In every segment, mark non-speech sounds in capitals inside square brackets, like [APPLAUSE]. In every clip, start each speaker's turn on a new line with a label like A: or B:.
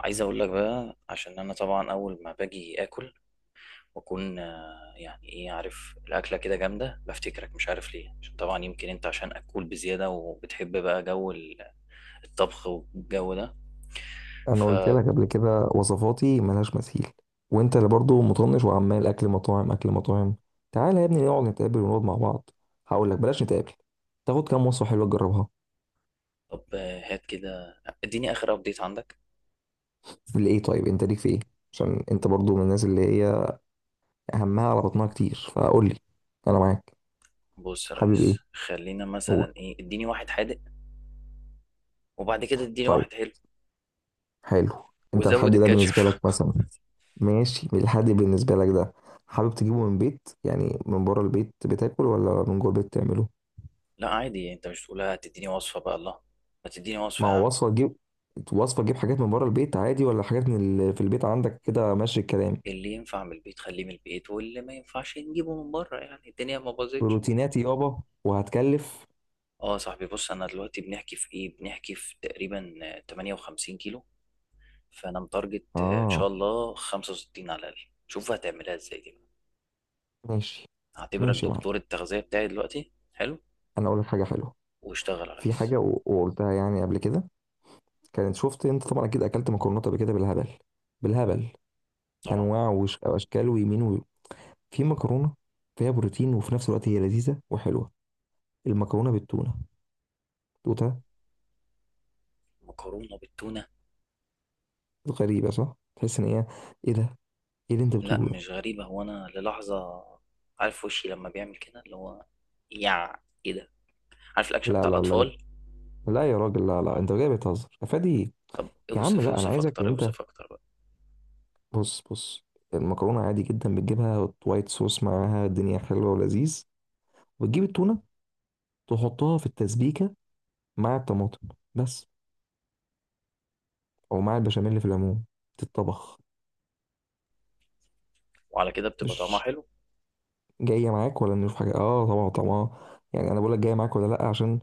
A: عايز اقول لك بقى عشان انا طبعا اول ما باجي اكل واكون يعني ايه؟ عارف الاكله كده جامده، بفتكرك مش عارف ليه. عشان طبعا يمكن انت عشان اكول بزياده وبتحب بقى جو الطبخ والجو ده.
B: انا قلت
A: فطب
B: لك قبل كده وصفاتي ملهاش مثيل. وانت اللي برضه مطنش وعمال اكل مطاعم اكل مطاعم. تعالى يا ابني نقعد نتقابل ونقعد مع بعض. هقول لك بلاش نتقابل، تاخد كام وصفه حلوه تجربها.
A: هات كده، اديني اخر ابديت عندك.
B: لإيه؟ طيب انت ليك في ايه؟ عشان انت برضه من الناس اللي هي همها على بطنها كتير، فقول لي انا معاك.
A: بص يا
B: حابب
A: ريس،
B: ايه؟
A: خلينا
B: قول.
A: مثلا ايه، اديني واحد حادق وبعد كده اديني
B: طيب،
A: واحد حلو
B: حلو. انت الحد
A: وزود
B: ده
A: الكاتشب.
B: بالنسبه لك
A: [LAUGHS]
B: مثلا؟ ماشي الحد بالنسبه لك ده؟ حابب تجيبه من بيت، يعني من بره البيت بتاكل، ولا من جوه البيت تعمله؟
A: لا عادي، انت مش تقولها تديني وصفه بقى؟ الله، ما تديني وصفه
B: ما
A: يا عم.
B: هو وصفة تجيب. وصفة تجيب حاجات من بره البيت عادي، ولا حاجات من في البيت عندك كده ماشي الكلام؟
A: اللي ينفع من البيت خليه من البيت، واللي ما ينفعش نجيبه من بره، يعني الدنيا ما باظتش.
B: بروتينات يابا وهتكلف.
A: اه يا صاحبي، بص انا دلوقتي بنحكي في ايه؟ بنحكي في تقريبا 58 كيلو. فانا متارجت ان شاء
B: اه.
A: الله 65 على الاقل. شوف هتعملها ازاي دي بقى.
B: ماشي
A: هعتبرك
B: ماشي يا معلم،
A: دكتور التغذية بتاعي دلوقتي، حلو؟
B: انا اقول لك حاجة حلوة.
A: واشتغل يا
B: في
A: ريس.
B: حاجة وقلتها يعني قبل كده، كانت شفت انت طبعا اكيد اكلت مكرونات قبل كده بالهبل، بالهبل.
A: طبعا.
B: انواع واشكال ويمين في مكرونة فيها بروتين، وفي نفس الوقت هي لذيذة وحلوة. المكرونة بالتونة، دوتها.
A: مكرونة بالتونة؟
B: غريبة صح؟ تحس ان هي، ايه ده؟ ايه اللي انت
A: لا
B: بتقوله ده؟
A: مش غريبة، هو انا للحظة، عارف وشي لما بيعمل كده، اللي هو يع، ايه ده؟ عارف الاكشن
B: لا
A: بتاع
B: لا لا
A: الاطفال؟
B: لا، يا راجل لا لا، انت جاي بتهزر افادي.
A: طب
B: يا عم
A: اوصف،
B: لا، انا
A: اوصف
B: عايزك ان
A: اكتر
B: انت،
A: اوصف اكتر
B: بص بص، المكرونه عادي جدا بتجيبها وايت صوص معاها، الدنيا حلوه ولذيذ. وتجيب التونه، تحطها في التسبيكه مع الطماطم بس، او مع البشاميل اللي في العموم تتطبخ.
A: وعلى كده بتبقى طعمها
B: مش
A: حلو؟
B: جايه معاك ولا نشوف حاجه؟ اه طبعا طبعا. يعني انا بقول لك جايه معاك ولا لا، عشان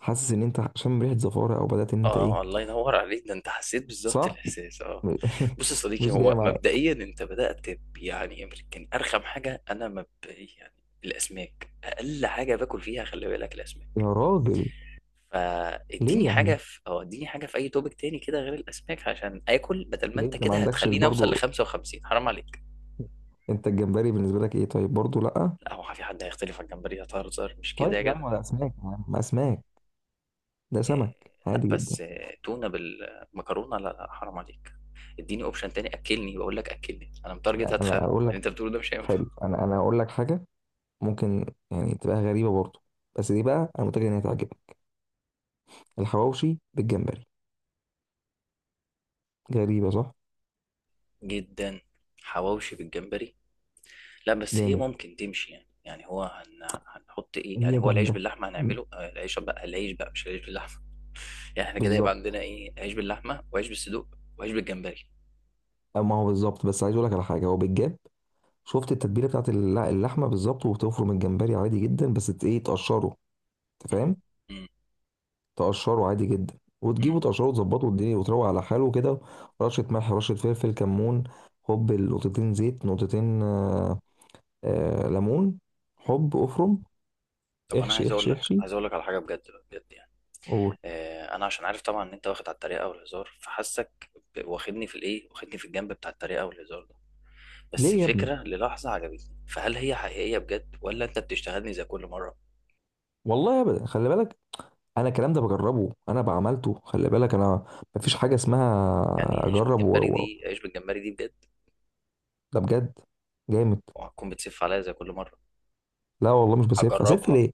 B: حاسس ان انت عشان ريحه زفاره او بدات ان انت
A: اه
B: ايه.
A: الله ينور عليك، ده انت حسيت بالظبط
B: صح.
A: الاحساس، اه.
B: [LAUGHS]
A: بص يا صديقي،
B: مش جايه
A: هو
B: معاك،
A: مبدئيا انت بدات يعني يمكن ارخم حاجه، انا مبدئيا يعني الاسماك اقل حاجه باكل فيها، خلي بالك،
B: يا
A: الاسماك.
B: راجل. ليه
A: فاديني
B: يا
A: حاجه
B: عم؟
A: في، او اديني حاجه في اي توبك تاني كده غير الاسماك عشان اكل، بدل ما
B: ليه
A: انت
B: انت ما
A: كده
B: عندكش
A: هتخليني اوصل ل
B: برضه؟
A: 55، حرام عليك.
B: انت الجمبري بالنسبه لك ايه طيب؟ برضو لا؟
A: لا هو في حد هيختلف على الجمبري؟ هتهزر مش كده
B: طيب
A: يا
B: يا
A: جدع؟
B: عم، ولا اسماك يا عم اسماك، ده
A: إيه،
B: سمك
A: لا
B: عادي جدا.
A: بس إيه، تونة بالمكرونة؟ لا لا حرام عليك. اديني اوبشن تاني اكلني، بقول لك اكلني، انا متارجت
B: انا
A: هتخن،
B: انا اقول
A: اللي
B: لك،
A: انت بتقوله ده مش هينفع.
B: حلو، انا اقول لك حاجه، ممكن يعني تبقى غريبه برضو، بس دي بقى انا متاكد ان هي تعجبك. الحواوشي بالجمبري. غريبه صح؟
A: جدا. حواوشي بالجمبري؟ لا بس هي
B: جامد.
A: ممكن تمشي يعني، يعني. هنحط ايه يعني؟
B: هي
A: هو العيش
B: جامده.
A: باللحمة هنعمله العيش بقى، العيش بقى مش العيش باللحمة. [LAUGHS] يعني احنا كده يبقى
B: بالظبط.
A: عندنا ايه؟ عيش باللحمة وعيش بالصدوق وعيش بالجمبري.
B: أو ما هو بالظبط، بس عايز اقول لك على حاجه هو بالجاب. شفت التتبيله بتاعت اللحمه بالظبط، وبتفرم الجمبري عادي جدا، بس ايه، تقشره. انت
A: مم.
B: فاهم؟
A: مم.
B: تقشره عادي جدا،
A: مم.
B: وتجيبه تقشره وتظبطه والدنيا، وتروق على حاله كده. رشة ملح، رشة فلفل، كمون، حب، نقطتين زيت، نقطتين آه، آه ليمون، حب افرم.
A: طب انا
B: احشي
A: عايز اقول
B: احشي
A: لك،
B: احشي،
A: عايز اقول لك على حاجة بجد بجد يعني.
B: قول.
A: انا عشان عارف طبعا ان انت واخد على الطريقه والهزار، فحاسك واخدني في الايه، واخدني في الجنب بتاع الطريقه والهزار ده. بس
B: ليه يا ابني؟
A: الفكره للحظه عجبتني، فهل هي حقيقيه بجد ولا انت بتشتغلني زي كل مره؟
B: والله ابدا، خلي بالك، انا الكلام ده بجربه، انا بعملته، خلي بالك انا، مفيش حاجة اسمها.
A: يعني عيش
B: اجرب
A: بالجمبري دي، عيش بالجمبري دي بجد
B: ده بجد، جامد.
A: وهتكون بتسف عليا زي كل مره؟
B: لا والله مش بسف، اسف
A: هجربها،
B: ليه؟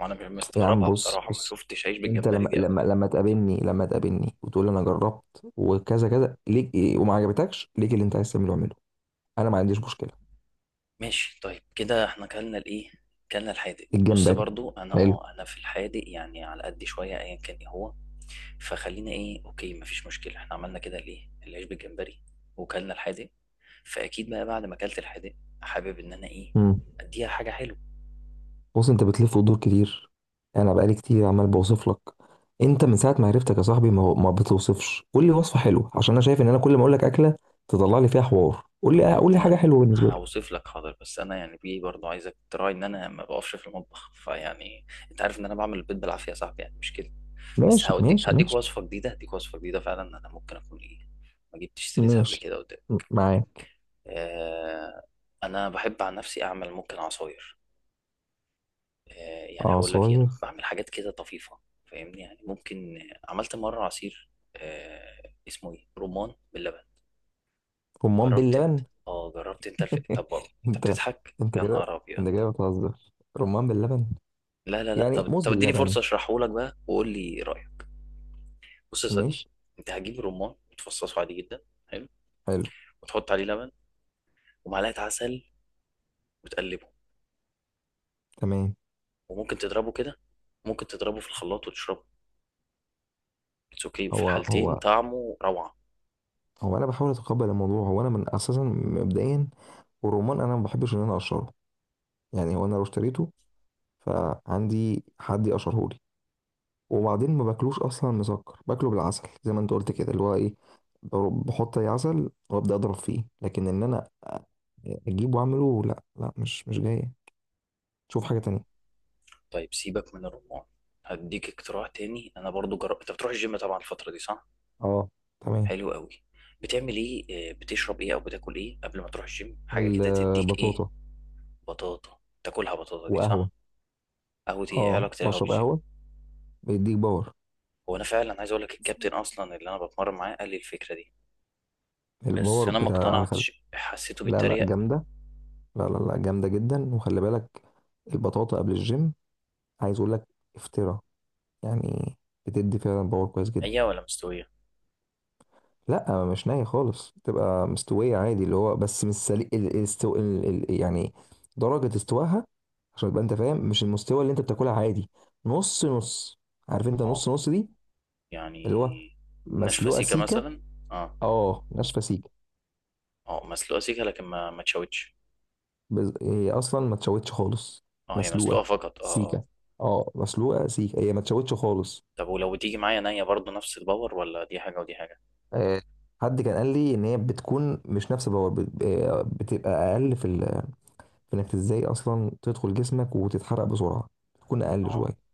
A: وانا مش
B: يا عم
A: مستغربها
B: بص
A: بصراحه، ما
B: بص،
A: شفتش عيش
B: انت
A: بالجمبري
B: لما
A: دي قبل.
B: لما لما تقابلني، لما تقابلني وتقول لي انا جربت وكذا كذا، ليك ايه وما عجبتكش، ليك اللي انت عايز تعمله اعمله، انا ما عنديش مشكله.
A: ماشي طيب، كده احنا كلنا الايه، كلنا الحادق. بص
B: الجمبري،
A: برضو انا
B: حلو.
A: اه انا في الحادق يعني على قد شويه ايا كان ايه هو. فخلينا ايه، اوكي مفيش مشكله، احنا عملنا كده الايه، العيش بالجمبري وكلنا الحادق. فاكيد بقى بعد ما اكلت الحادق حابب ان انا ايه،
B: امم.
A: اديها حاجه حلوه.
B: بص انت بتلف وتدور كتير، انا بقالي كتير عمال بوصف لك. انت من ساعه ما عرفتك يا صاحبي ما بتوصفش. قول لي وصفه حلوه، عشان انا شايف ان انا كل ما اقول لك اكله تطلع لي فيها حوار. قول
A: ما هو
B: لي قول لي
A: انت
B: حاجه حلوه بالنسبه لي.
A: هوصف لك حاضر، بس انا يعني بيه برضو عايزك تراعي ان انا ما بقفش في المطبخ، فيعني انت عارف ان انا بعمل البيض بالعافيه يا صاحبي، يعني مش كده؟ بس
B: ماشي
A: هوديك،
B: ماشي
A: هديك
B: ماشي
A: وصفه جديده، هديك وصفه جديده فعلا انا ممكن اكون ايه، ما جبتش سيرتها قبل
B: ماشي.
A: كده قدام.
B: معايا.
A: آه. انا بحب عن نفسي اعمل، ممكن عصاير. آه يعني هقول لك ايه، انا
B: عصاير؟
A: بعمل حاجات كده طفيفه، فاهمني يعني؟ ممكن، عملت مره عصير آه اسمه ايه، رمان باللبن.
B: رمان
A: جربت
B: باللبن؟
A: انت؟ اه جربت انت طب انت
B: انت،
A: بتضحك
B: انت
A: يا
B: كده
A: نهار ابيض؟
B: انت كده بتهزر. رمان باللبن؟
A: لا لا لا،
B: يعني
A: طب
B: موز
A: طب اديني
B: باللبن.
A: فرصه اشرحه لك بقى وقول لي رايك. بص يا
B: ماشي.
A: صديقي، انت هتجيب رمان وتفصصه عادي جدا، حلو،
B: حلو.
A: وتحط عليه لبن ومعلقه عسل وتقلبه،
B: تمام.
A: وممكن تضربه كده، ممكن تضربه في الخلاط وتشربه، اتس اوكي في
B: هو
A: الحالتين،
B: هو
A: طعمه روعة.
B: هو انا بحاول اتقبل الموضوع، هو انا من اساسا مبدئيا، والرمان انا ما بحبش ان انا اقشره، يعني هو انا لو اشتريته فعندي حد يقشره لي، وبعدين ما باكلوش اصلا، مسكر باكله بالعسل زي ما انت قلت كده اللي هو ايه، بحط اي عسل وابدا اضرب فيه. لكن ان انا اجيبه واعمله، لا لا، مش جايه. شوف حاجه تانية.
A: طيب سيبك من الرمان، هديك اقتراح تاني انا برضو جربت. انت بتروح الجيم طبعا الفترة دي صح؟
B: اه، تمام.
A: حلو قوي. بتعمل ايه بتشرب ايه او بتاكل ايه قبل ما تروح الجيم، حاجة كده تديك ايه؟
B: البطاطا
A: بطاطا تاكلها؟ بطاطا دي
B: وقهوه.
A: صح؟ قهوة؟ ايه إيه
B: اه
A: علاقة القهوة
B: بشرب
A: بالجيم؟
B: قهوة بيديك باور.
A: هو انا فعلا عايز اقول لك، الكابتن اصلا اللي انا بتمرن معاه قال لي الفكرة دي، بس
B: الباور
A: انا ما
B: بتاع انا
A: اقتنعتش، حسيته
B: لا لا
A: بيتريق.
B: جامدة، لا لا لا جامدة جدا. وخلي بالك، البطاطا قبل الجيم، عايز اقول لك، افترا، يعني بتدي فعلا باور كويس جدا.
A: هي ولا مستوية؟
B: لا مش ناية خالص، تبقى مستوية عادي اللي هو، بس مش سليق ال... الاستو... ال... ال... يعني درجة استواها، عشان تبقى انت فاهم مش المستوى اللي انت بتاكلها عادي. نص نص، عارف انت
A: اه
B: نص نص دي، اللي هو
A: يعني. ناشفة
B: مسلوقة
A: سيكة
B: سيكة.
A: مثلا؟ اه.
B: اه ناشفة سيكة.
A: اه مسلوقة سيكة لكن ما تشوتش.
B: هي اصلا ما تشوتش خالص.
A: اه هي مسلوقة
B: مسلوقه
A: فقط، اه اه.
B: سيكه، اه مسلوقه سيكه، هي ما تشوتش خالص.
A: طب ولو تيجي معايا نية برضو نفس الباور ولا دي حاجة ودي حاجة؟
B: آه، حد كان قال لي ان هي بتكون مش نفس الباور، بتبقى اقل في انك ازاي اصلا تدخل جسمك وتتحرق بسرعه، بتكون اقل
A: اه.
B: شويه.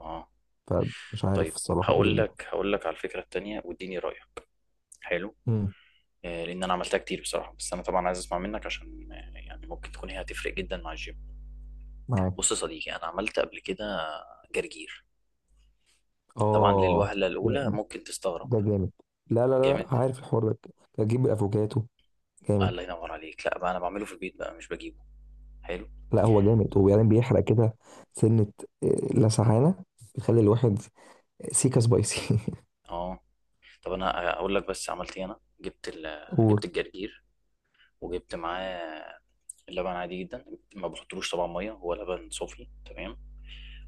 A: اه.
B: فمش عارف
A: طيب
B: الصراحه ايه
A: هقول
B: دنيتها.
A: لك، هقول لك على الفكرة التانية واديني رأيك. حلو.
B: امم.
A: آه لأن أنا عملتها كتير بصراحة، بس أنا طبعا عايز أسمع منك عشان يعني ممكن تكون هي هتفرق جدا مع الجيم.
B: معاك.
A: بص يا صديقي، أنا عملت قبل كده جرجير. طبعا
B: اه.
A: للوهلة
B: ده
A: الأولى ممكن تستغرب.
B: ده جامد. لا لا لا لا،
A: جامد.
B: عارف الحوار ده؟ تجيب الافوكاتو. جامد.
A: الله ينور عليك، لا بقى أنا بعمله في البيت بقى مش بجيبه. حلو
B: لا هو جامد، وبعدين بيحرق كده، سنه، آه، لسعانه، بيخلي الواحد سيكا سبايسي. [LAUGHS]
A: اه. طب أنا أقول لك بس عملت إيه، أنا جبت جبت الجرجير وجبت معاه اللبن عادي جدا، ما بحطلوش طبعا ميه، هو لبن صوفي تمام.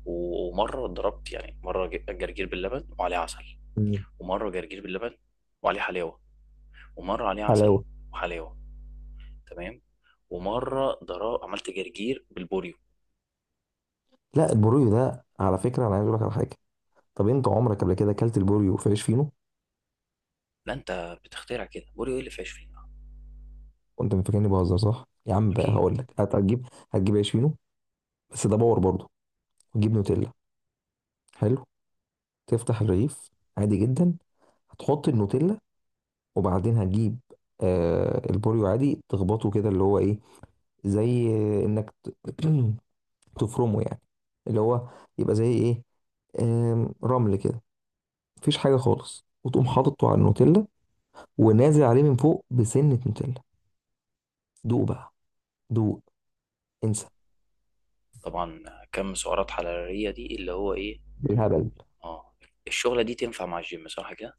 A: ومره ضربت يعني، مره جرجير باللبن وعليه عسل، ومره جرجير باللبن وعليه حلاوه، ومره عليه عسل
B: وحلاوه.
A: وحلاوه، تمام، ومره ضرب عملت جرجير بالبوريو.
B: لا البوريو ده على فكره، انا عايز اقول لك على حاجه. طب انت عمرك قبل كده اكلت البوريو في عيش فينو؟
A: لا انت بتخترع، كده بوريو ايه اللي فيهاش فيه؟
B: وانت فاكرني بهزر صح يا عم بقى؟
A: اكيد.
B: هقول لك، هتجيب عيش فينو، بس ده باور برضه. وتجيب نوتيلا. حلو. تفتح الرغيف عادي جدا، هتحط النوتيلا، وبعدين هتجيب آه البوريو، عادي تخبطه كده اللي هو ايه، زي انك [CLEARS THROAT] تفرمه يعني، اللي هو يبقى زي ايه، رمل كده، مفيش حاجة خالص، وتقوم حاططه على النوتيلا، ونازل عليه من فوق بسنة نوتيلا. دوق بقى دوق، انسى.
A: طبعا. كم سعرات حراريه دي اللي هو ايه؟
B: بالهبل.
A: اه الشغله دي تنفع مع الجيم صح كده؟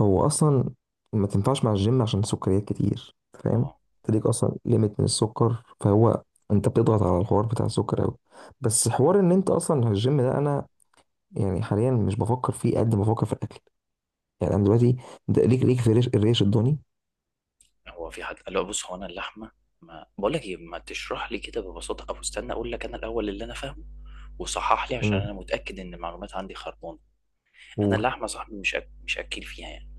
B: هو أصلا ما تنفعش مع الجيم عشان سكريات كتير، فاهم؟
A: اه.
B: تديك أصلا ليميت من السكر، فهو أنت بتضغط على الحوار بتاع السكر أوي. بس حوار إن أنت أصلا الجيم ده، أنا يعني حاليا مش بفكر فيه قد ما بفكر في الأكل. يعني أنا دلوقتي، ده ليك في الريش الضاني.
A: هو في حد قال له، بص هو انا اللحمه، ما بقول لك ايه، ما تشرح لي كده ببساطه، او استنى اقول لك انا الاول اللي انا فاهمه وصحح لي عشان
B: امم.
A: انا متاكد ان المعلومات عندي خربانه. انا
B: قول.
A: اللحمه صاحبي مش اكل فيها يعني.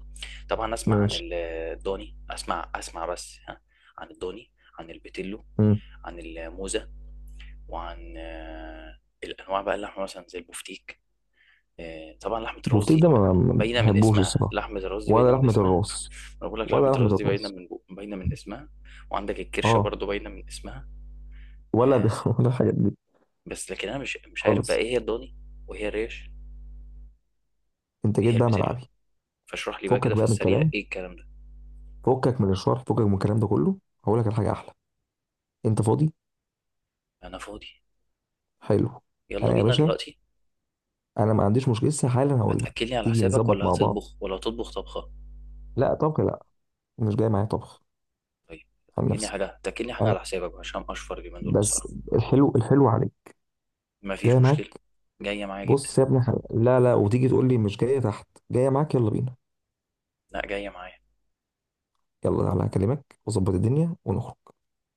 A: طبعا اسمع عن
B: ماشي.
A: الضاني، اسمع اسمع بس ها، عن الضاني، عن البيتلو،
B: امم.
A: عن الموزه، وعن الانواع بقى، اللحمه مثلا زي البفتيك، طبعا لحمة الراس
B: البفتيك ده
A: دي
B: ما
A: باينة من
B: بحبوش
A: اسمها.
B: الصراحة.
A: لحمة الراس دي باينة
B: ولا
A: من
B: لحمة
A: اسمها.
B: الراس،
A: [LAUGHS] انا بقول لك لحمة
B: ولا لحمة
A: الراس دي باينة
B: الراس.
A: باينة من اسمها. وعندك الكرشة
B: اه،
A: برضو باينة من اسمها.
B: ولا ده
A: آه،
B: [LAUGHS] ولا الحاجات دي،
A: بس لكن انا مش عارف بقى
B: خالص.
A: ايه هي الضاني، وايه هي الريش،
B: انت
A: وايه
B: جيت
A: هي
B: بقى
A: البتلو.
B: ملعبي.
A: فاشرح لي بقى كده
B: فكك
A: في
B: بقى من
A: السريع
B: الكلام،
A: ايه الكلام ده.
B: فكك من الشرح، فكك من الكلام ده كله. هقول لك الحاجة احلى، انت فاضي؟
A: انا فاضي.
B: حلو.
A: يلا
B: انا يا
A: بينا
B: باشا
A: دلوقتي.
B: انا ما عنديش مشكلة لسه حالا، هقول لك
A: هتاكلني على
B: تيجي
A: حسابك
B: نظبط
A: ولا
B: مع بعض.
A: هتطبخ، ولا هتطبخ طبخة؟
B: لا طبخ لا، مش جاي معايا طبخ.
A: طيب
B: عن
A: هتاكلني
B: نفسي
A: حاجة، هتاكلني حاجة
B: انا
A: على حسابك عشان اشفر اليومين دول
B: بس،
A: بصراحة.
B: الحلو الحلو عليك،
A: مفيش
B: جاي معاك.
A: مشكلة. جاية معايا جدا.
B: بص يا ابني، حلو. لا لا، وتيجي تقول لي مش جاية؟ تحت، جاية معاك، يلا بينا.
A: لا جاية معايا.
B: يلا تعالى هكلمك واظبط الدنيا ونخرج.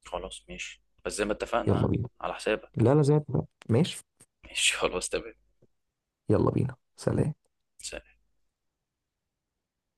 A: خلاص ماشي، بس زي ما اتفقنا
B: يلا
A: ها،
B: بينا.
A: على حسابك.
B: لا لا زي ما اتفقنا. ماشي.
A: ماشي. [LAUGHS] خلاص تمام.
B: يلا بينا، سلام.
A: سلام.